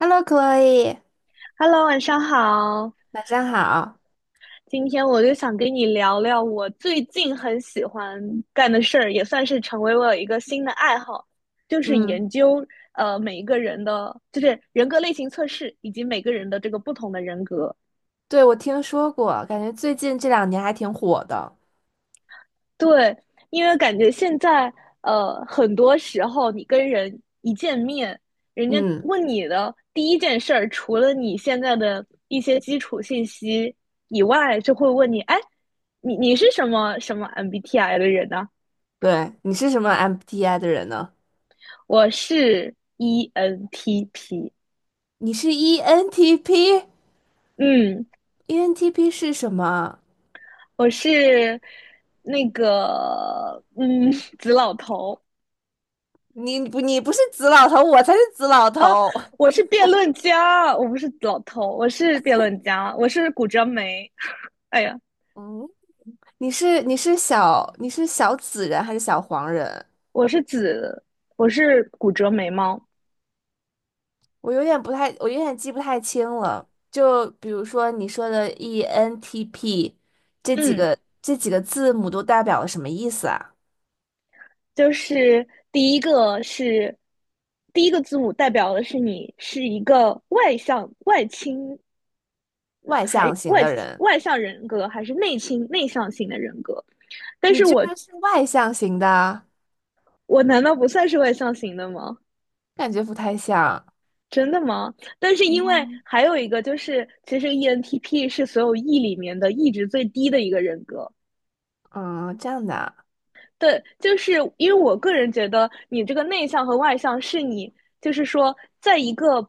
Hello，Chloe，Hello，晚上好。晚上好。今天我就想跟你聊聊我最近很喜欢干的事儿，也算是成为我一个新的爱好，就是嗯，研究每一个人的，就是人格类型测试以及每个人的这个不同的人格。对，我听说过，感觉最近这两年还挺火的。对，因为感觉现在很多时候你跟人一见面，人家嗯，问你的第一件事儿，除了你现在的一些基础信息以外，就会问你，哎，你是什么什么 MBTI 的人呢。对，你是什么 m B t i 的人呢？我是 ENTP，你是 ENTP？ENTP 嗯，是什么？我是那个紫老头。你不是紫老头，我才是紫老啊，头。我是辩论家，我不是老头，我是辩论家，我是骨折眉。哎呀，嗯，你是小紫人还是小黄人？我是子，我是骨折眉毛。我有点不太，我有点记不太清了。就比如说你说的 ENTP 这几嗯，个这几个字母都代表了什么意思啊？就是第一个是第一个字母代表的是你是一个外向、外倾，外还向型外的人，外向人格，还是内倾、内向型的人格？但你是居我然是外向型的，我难道不算是外向型的吗？感觉不太像。真的吗？但是因为嗯还有一个就是，其实 ENTP 是所有 E 里面的 E 值最低的一个人格。嗯，这样的啊。对，就是因为我个人觉得，你这个内向和外向是你，就是说，在一个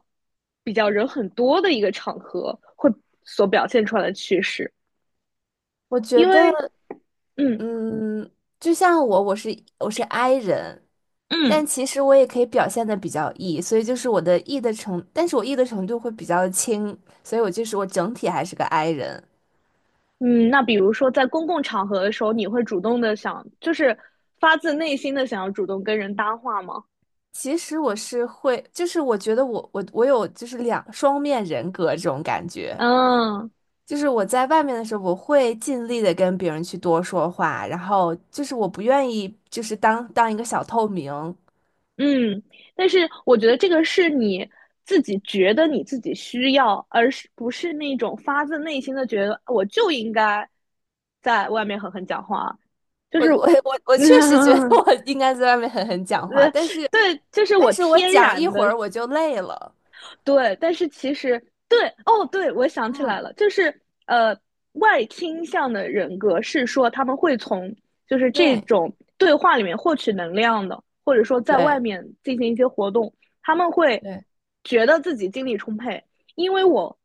比较人很多的一个场合会所表现出来的趋势。我觉因得，为，嗯嗯，就像我，我是 I 人，嗯但其实我也可以表现的比较 E，所以就是我的 E 的程，但是我 E 的程度会比较轻，所以我整体还是个 I 人。嗯，那比如说在公共场合的时候，你会主动的想，就是发自内心的想要主动跟人搭话吗？其实我是会，就是我觉得我有就是两双面人格这种感觉，嗯就是我在外面的时候，我会尽力的跟别人去多说话，然后就是我不愿意就是当一个小透明，我嗯，但是我觉得这个是你自己觉得你自己需要，而是不是那种发自内心的觉得我就应该在外面狠狠讲话，就我是，我我确实觉得 我应该在外面狠狠讲话，对，就是但我是我天讲一然会的儿我就累了，对，但是其实对哦，对，我想起来嗯，了，就是外倾向的人格是说他们会从就是这对种对话里面获取能量的，或者说在外对面进行一些活动，他们会对。觉得自己精力充沛，因为我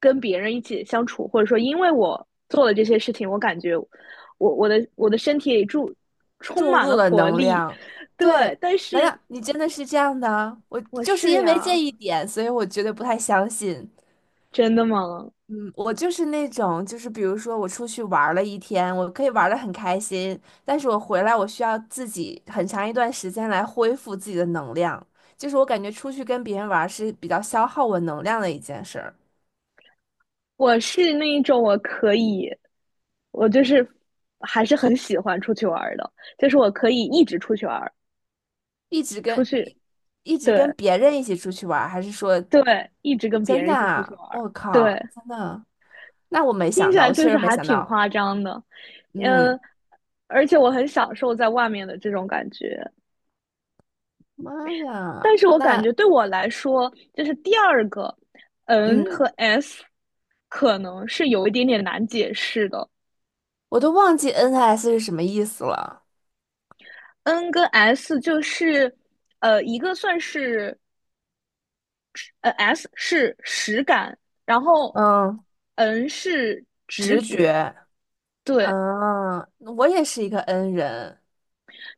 跟别人一起相处，或者说因为我做了这些事情，我感觉我的身体里充注满入了了活能力，量。对，对，但难是道你真的是这样的啊？我我就是是因为这呀，一点，所以我觉得不太相信。真的吗？嗯，我就是那种，就是比如说我出去玩儿了一天，我可以玩的很开心，但是我回来我需要自己很长一段时间来恢复自己的能量。就是我感觉出去跟别人玩儿是比较消耗我能量的一件事儿，我是那一种我可以，我就是还是很喜欢出去玩儿的，就是我可以一直出去玩儿，一直出跟去，一一直跟对别人一起出去玩儿，还是说？对，一直跟别真人的一起出去啊玩儿，我靠，对，真的，那我没听想起到，来我就确是实没还想挺到。夸张的，嗯，嗯，而且我很享受在外面的这种感觉，妈但呀，是我感那觉对我来说，就是第二个 N 和 嗯，S 可能是有一点点难解释的我都忘记 NS 是什么意思了。，N 跟 S 就是。一个算是S 是实感，然后 嗯，N 是直直觉，觉。对，嗯，我也是一个 N 人。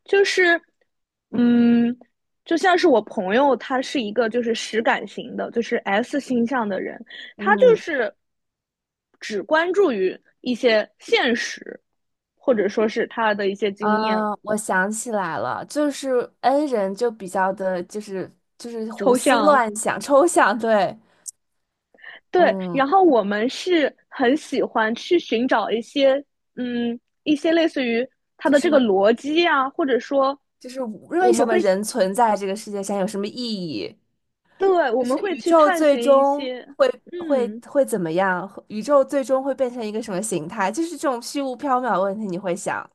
就是嗯，就像是我朋友，他是一个就是实感型的，就是 S 星象的人，他就嗯，是只关注于一些现实，或者说是他的一些经验、啊，我想起来了，就是 N 人就比较的，就是就是胡抽思象乱想、抽象。对，对，嗯，然后我们是很喜欢去寻找一些，嗯，一些类似于它就的什这个么，逻辑啊，或者说就是我为们什么会，人存在这个世界上有什么意义？对，我就们是会宇去宙探最寻一终些，会会嗯，会怎么样？宇宙最终会变成一个什么形态？就是这种虚无缥缈的问题，你会想，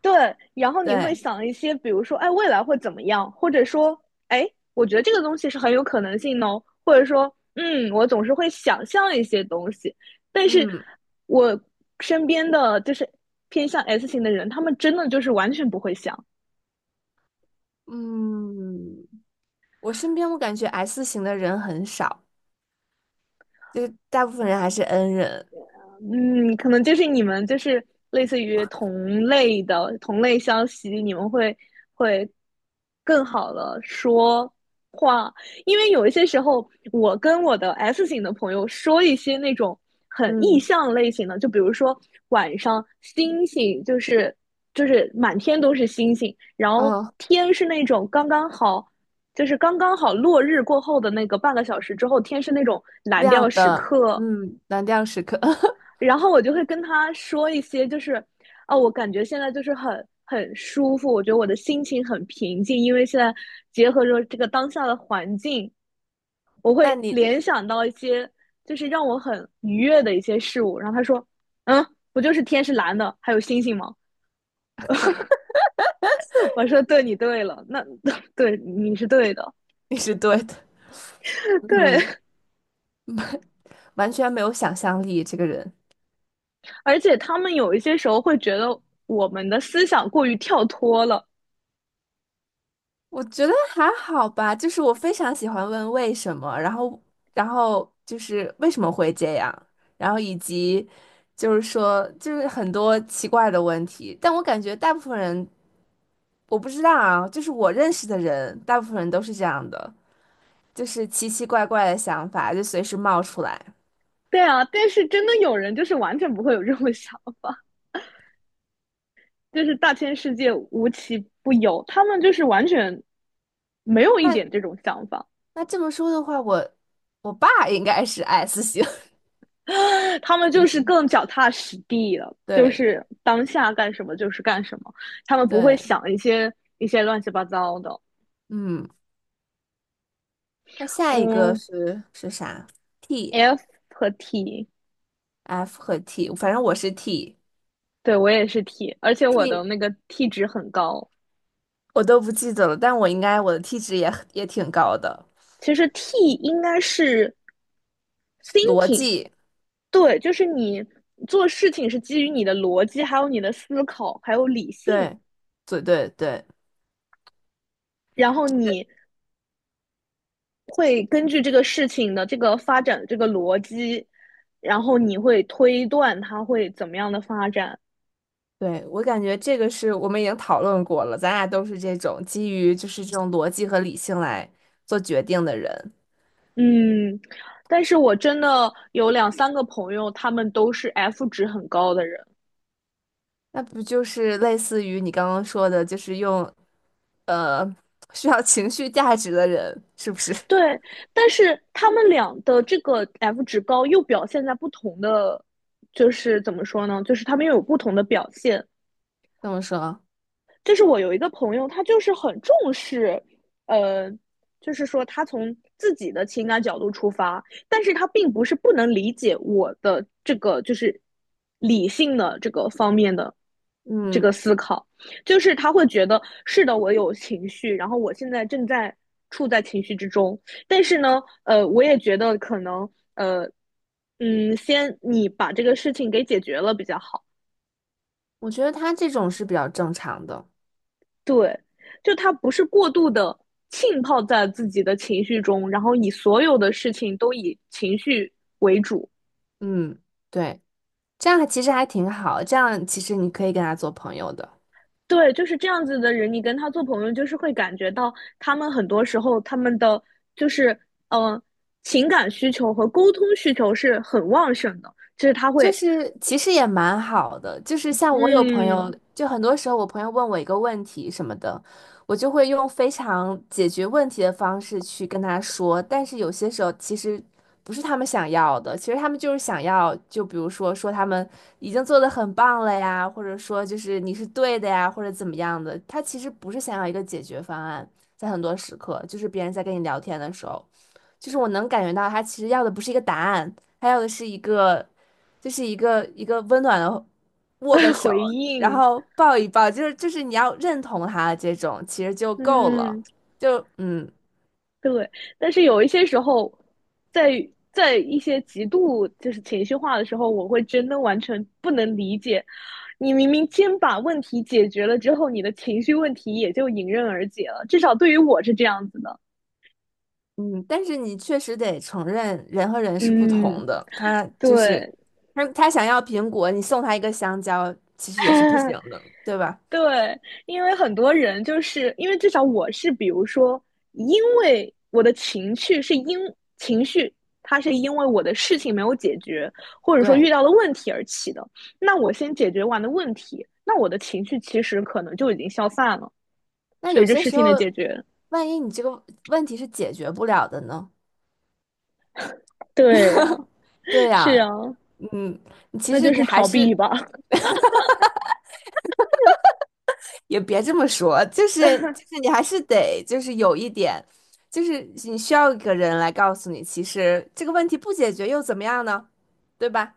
对，然后你会对，想一些，比如说，哎，未来会怎么样，或者说，哎，我觉得这个东西是很有可能性的哦，或者说，嗯，我总是会想象一些东西，但是嗯我身边的就是偏向 S 型的人，他们真的就是完全不会想。嗯，我身边我感觉 S 型的人很少，就是大部分人还是 N 人，嗯，可能就是你们就是类似于同类的同类消息，你们会更好的说话，因为有一些时候，我跟我的 S 型的朋友说一些那种很意嗯。象类型的，就比如说晚上星星就是满天都是星星，然后哦，天是那种刚刚好。就是刚刚好落日过后的那个半个小时之后，天是那种蓝调亮时的，刻，嗯，蓝调时刻，然后我就会跟他说一些，就是啊，我感觉现在就是很舒服，我觉得我的心情很平静，因为现在结合着这个当下的环境，我那会你联想到一些就是让我很愉悦的一些事物。然后他说，嗯，不就是天是蓝的，还有星星吗？我说，对，你对了，那 对你是对的，你是对的，嗯，对。完全没有想象力，这个人。而且他们有一些时候会觉得我们的思想过于跳脱了，我觉得还好吧，就是我非常喜欢问为什么，然后，然后就是为什么会这样，然后以及就是说，就是很多奇怪的问题，但我感觉大部分人我不知道啊，就是我认识的人，大部分人都是这样的，就是奇奇怪怪的想法就随时冒出来。对啊，但是真的有人就是完全不会有这种 想法，就是大千世界无奇不有，他们就是完全没有一点那这种想法，那这么说的话，我我爸应该是 S 型，他们 就是嗯，更脚踏实地了，就对是当下干什么就是干什么，他们不会对，想一些乱七八糟的。嗯，那下一个嗯是是啥？T。，F 和 T，F 和 T，反正我是 T，T 对我也是 T，而且我的那个 T 值很高。我都不记得了，但我应该我的 T 值也很也挺高的。其实 T 应该是 逻 thinking，辑，对，就是你做事情是基于你的逻辑，还有你的思考，还有理性，对，对对对然后你会根据这个事情的这个发展的这个逻辑，然后你会推断它会怎么样的发展。对，我感觉这个是我们已经讨论过了，咱俩都是这种基于就是这种逻辑和理性来做决定的人，嗯，但是我真的有两三个朋友，他们都是 F 值很高的人，那不就是类似于你刚刚说的，就是用呃需要情绪价值的人，是不是？ 对，但是他们俩的这个 F 值高又表现在不同的，就是怎么说呢？就是他们又有不同的表现。这么说？就是我有一个朋友，他就是很重视，呃，就是说他从自己的情感角度出发，但是他并不是不能理解我的这个就是理性的这个方面的这个嗯，思考，就是他会觉得是的，我有情绪，然后我现在正在处在情绪之中，但是呢，我也觉得可能，呃，嗯，先你把这个事情给解决了比较好。我觉得他这种是比较正常的。对，就他不是过度的浸泡在自己的情绪中，然后以所有的事情都以情绪为主。嗯，对。这样其实还挺好，这样其实你可以跟他做朋友的。对，就是这样子的人，你跟他做朋友，就是会感觉到他们很多时候他们的就是嗯、呃、情感需求和沟通需求是很旺盛的，就是他就会是其实也蛮好的，就是像我有朋友，嗯 就很多时候我朋友问我一个问题什么的，我就会用非常解决问题的方式去跟他说，但是有些时候其实不是他们想要的，其实他们就是想要，就比如说说他们已经做得很棒了呀，或者说就是你是对的呀，或者怎么样的，他其实不是想要一个解决方案，在很多时刻，就是别人在跟你聊天的时候。就是我能感觉到他其实要的不是一个答案，他要的是就是一个温暖的握个 手，回然应后抱一抱，就是你要认同他这种，其实就够了。嗯。就嗯对，但是有一些时候，在在一些极度就是情绪化的时候，我会真的完全不能理解，你明明先把问题解决了之后，你的情绪问题也就迎刃而解了。至少对于我是这样子的。嗯，但是你确实得承认，人和人是不同嗯，的。他就是对，他想要苹果，你送他一个香蕉，其实也是不 行的，对吧？对，因为很多人就是因为至少我是，比如说，因为我的情绪是因情绪，它是因为我的事情没有解决，或者说对。遇到了问题而起的。那我先解决完的问题，那我的情绪其实可能就已经消散了，那随有着些事时情的候，解决。万一你这个问题是解决不了的呢？对呀，对是呀，啊，嗯，你其那实就你是还逃是避吧。也别这么说，就是就是你还是得就是有一点，就是你需要一个人来告诉你，其实这个问题不解决又怎么样呢？对吧？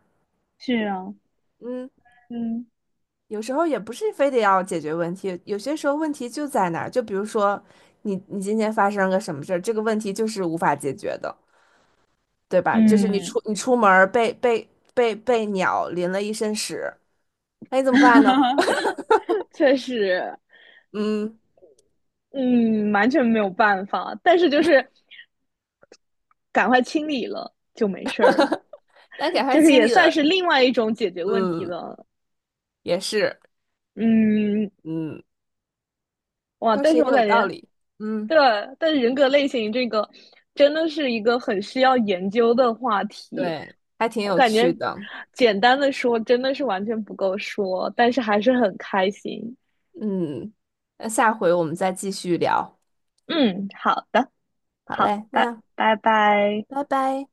是啊，嗯，嗯，有时候也不是非得要解决问题，有些时候问题就在那儿，就比如说你今天发生个什么事儿，这个问题就是无法解决的，对吧？就是嗯，你出门儿被被鸟淋了一身屎，那你怎么办呢？确实，嗯，嗯，完全没有办法。但是就是赶快清理了就没事儿了，来，赶快就是清也理算了，是另外一种解决问题嗯，的。也是，嗯，嗯。哇，倒但是是也我有感道觉，理。嗯，对吧，但是人格类型这个真的是一个很需要研究的话题。对，还挺我有感觉趣的。简单的说真的是完全不够说，但是还是很开心。嗯，那下回我们再继续聊。嗯，好的，好好，嘞，拜那拜拜。拜拜。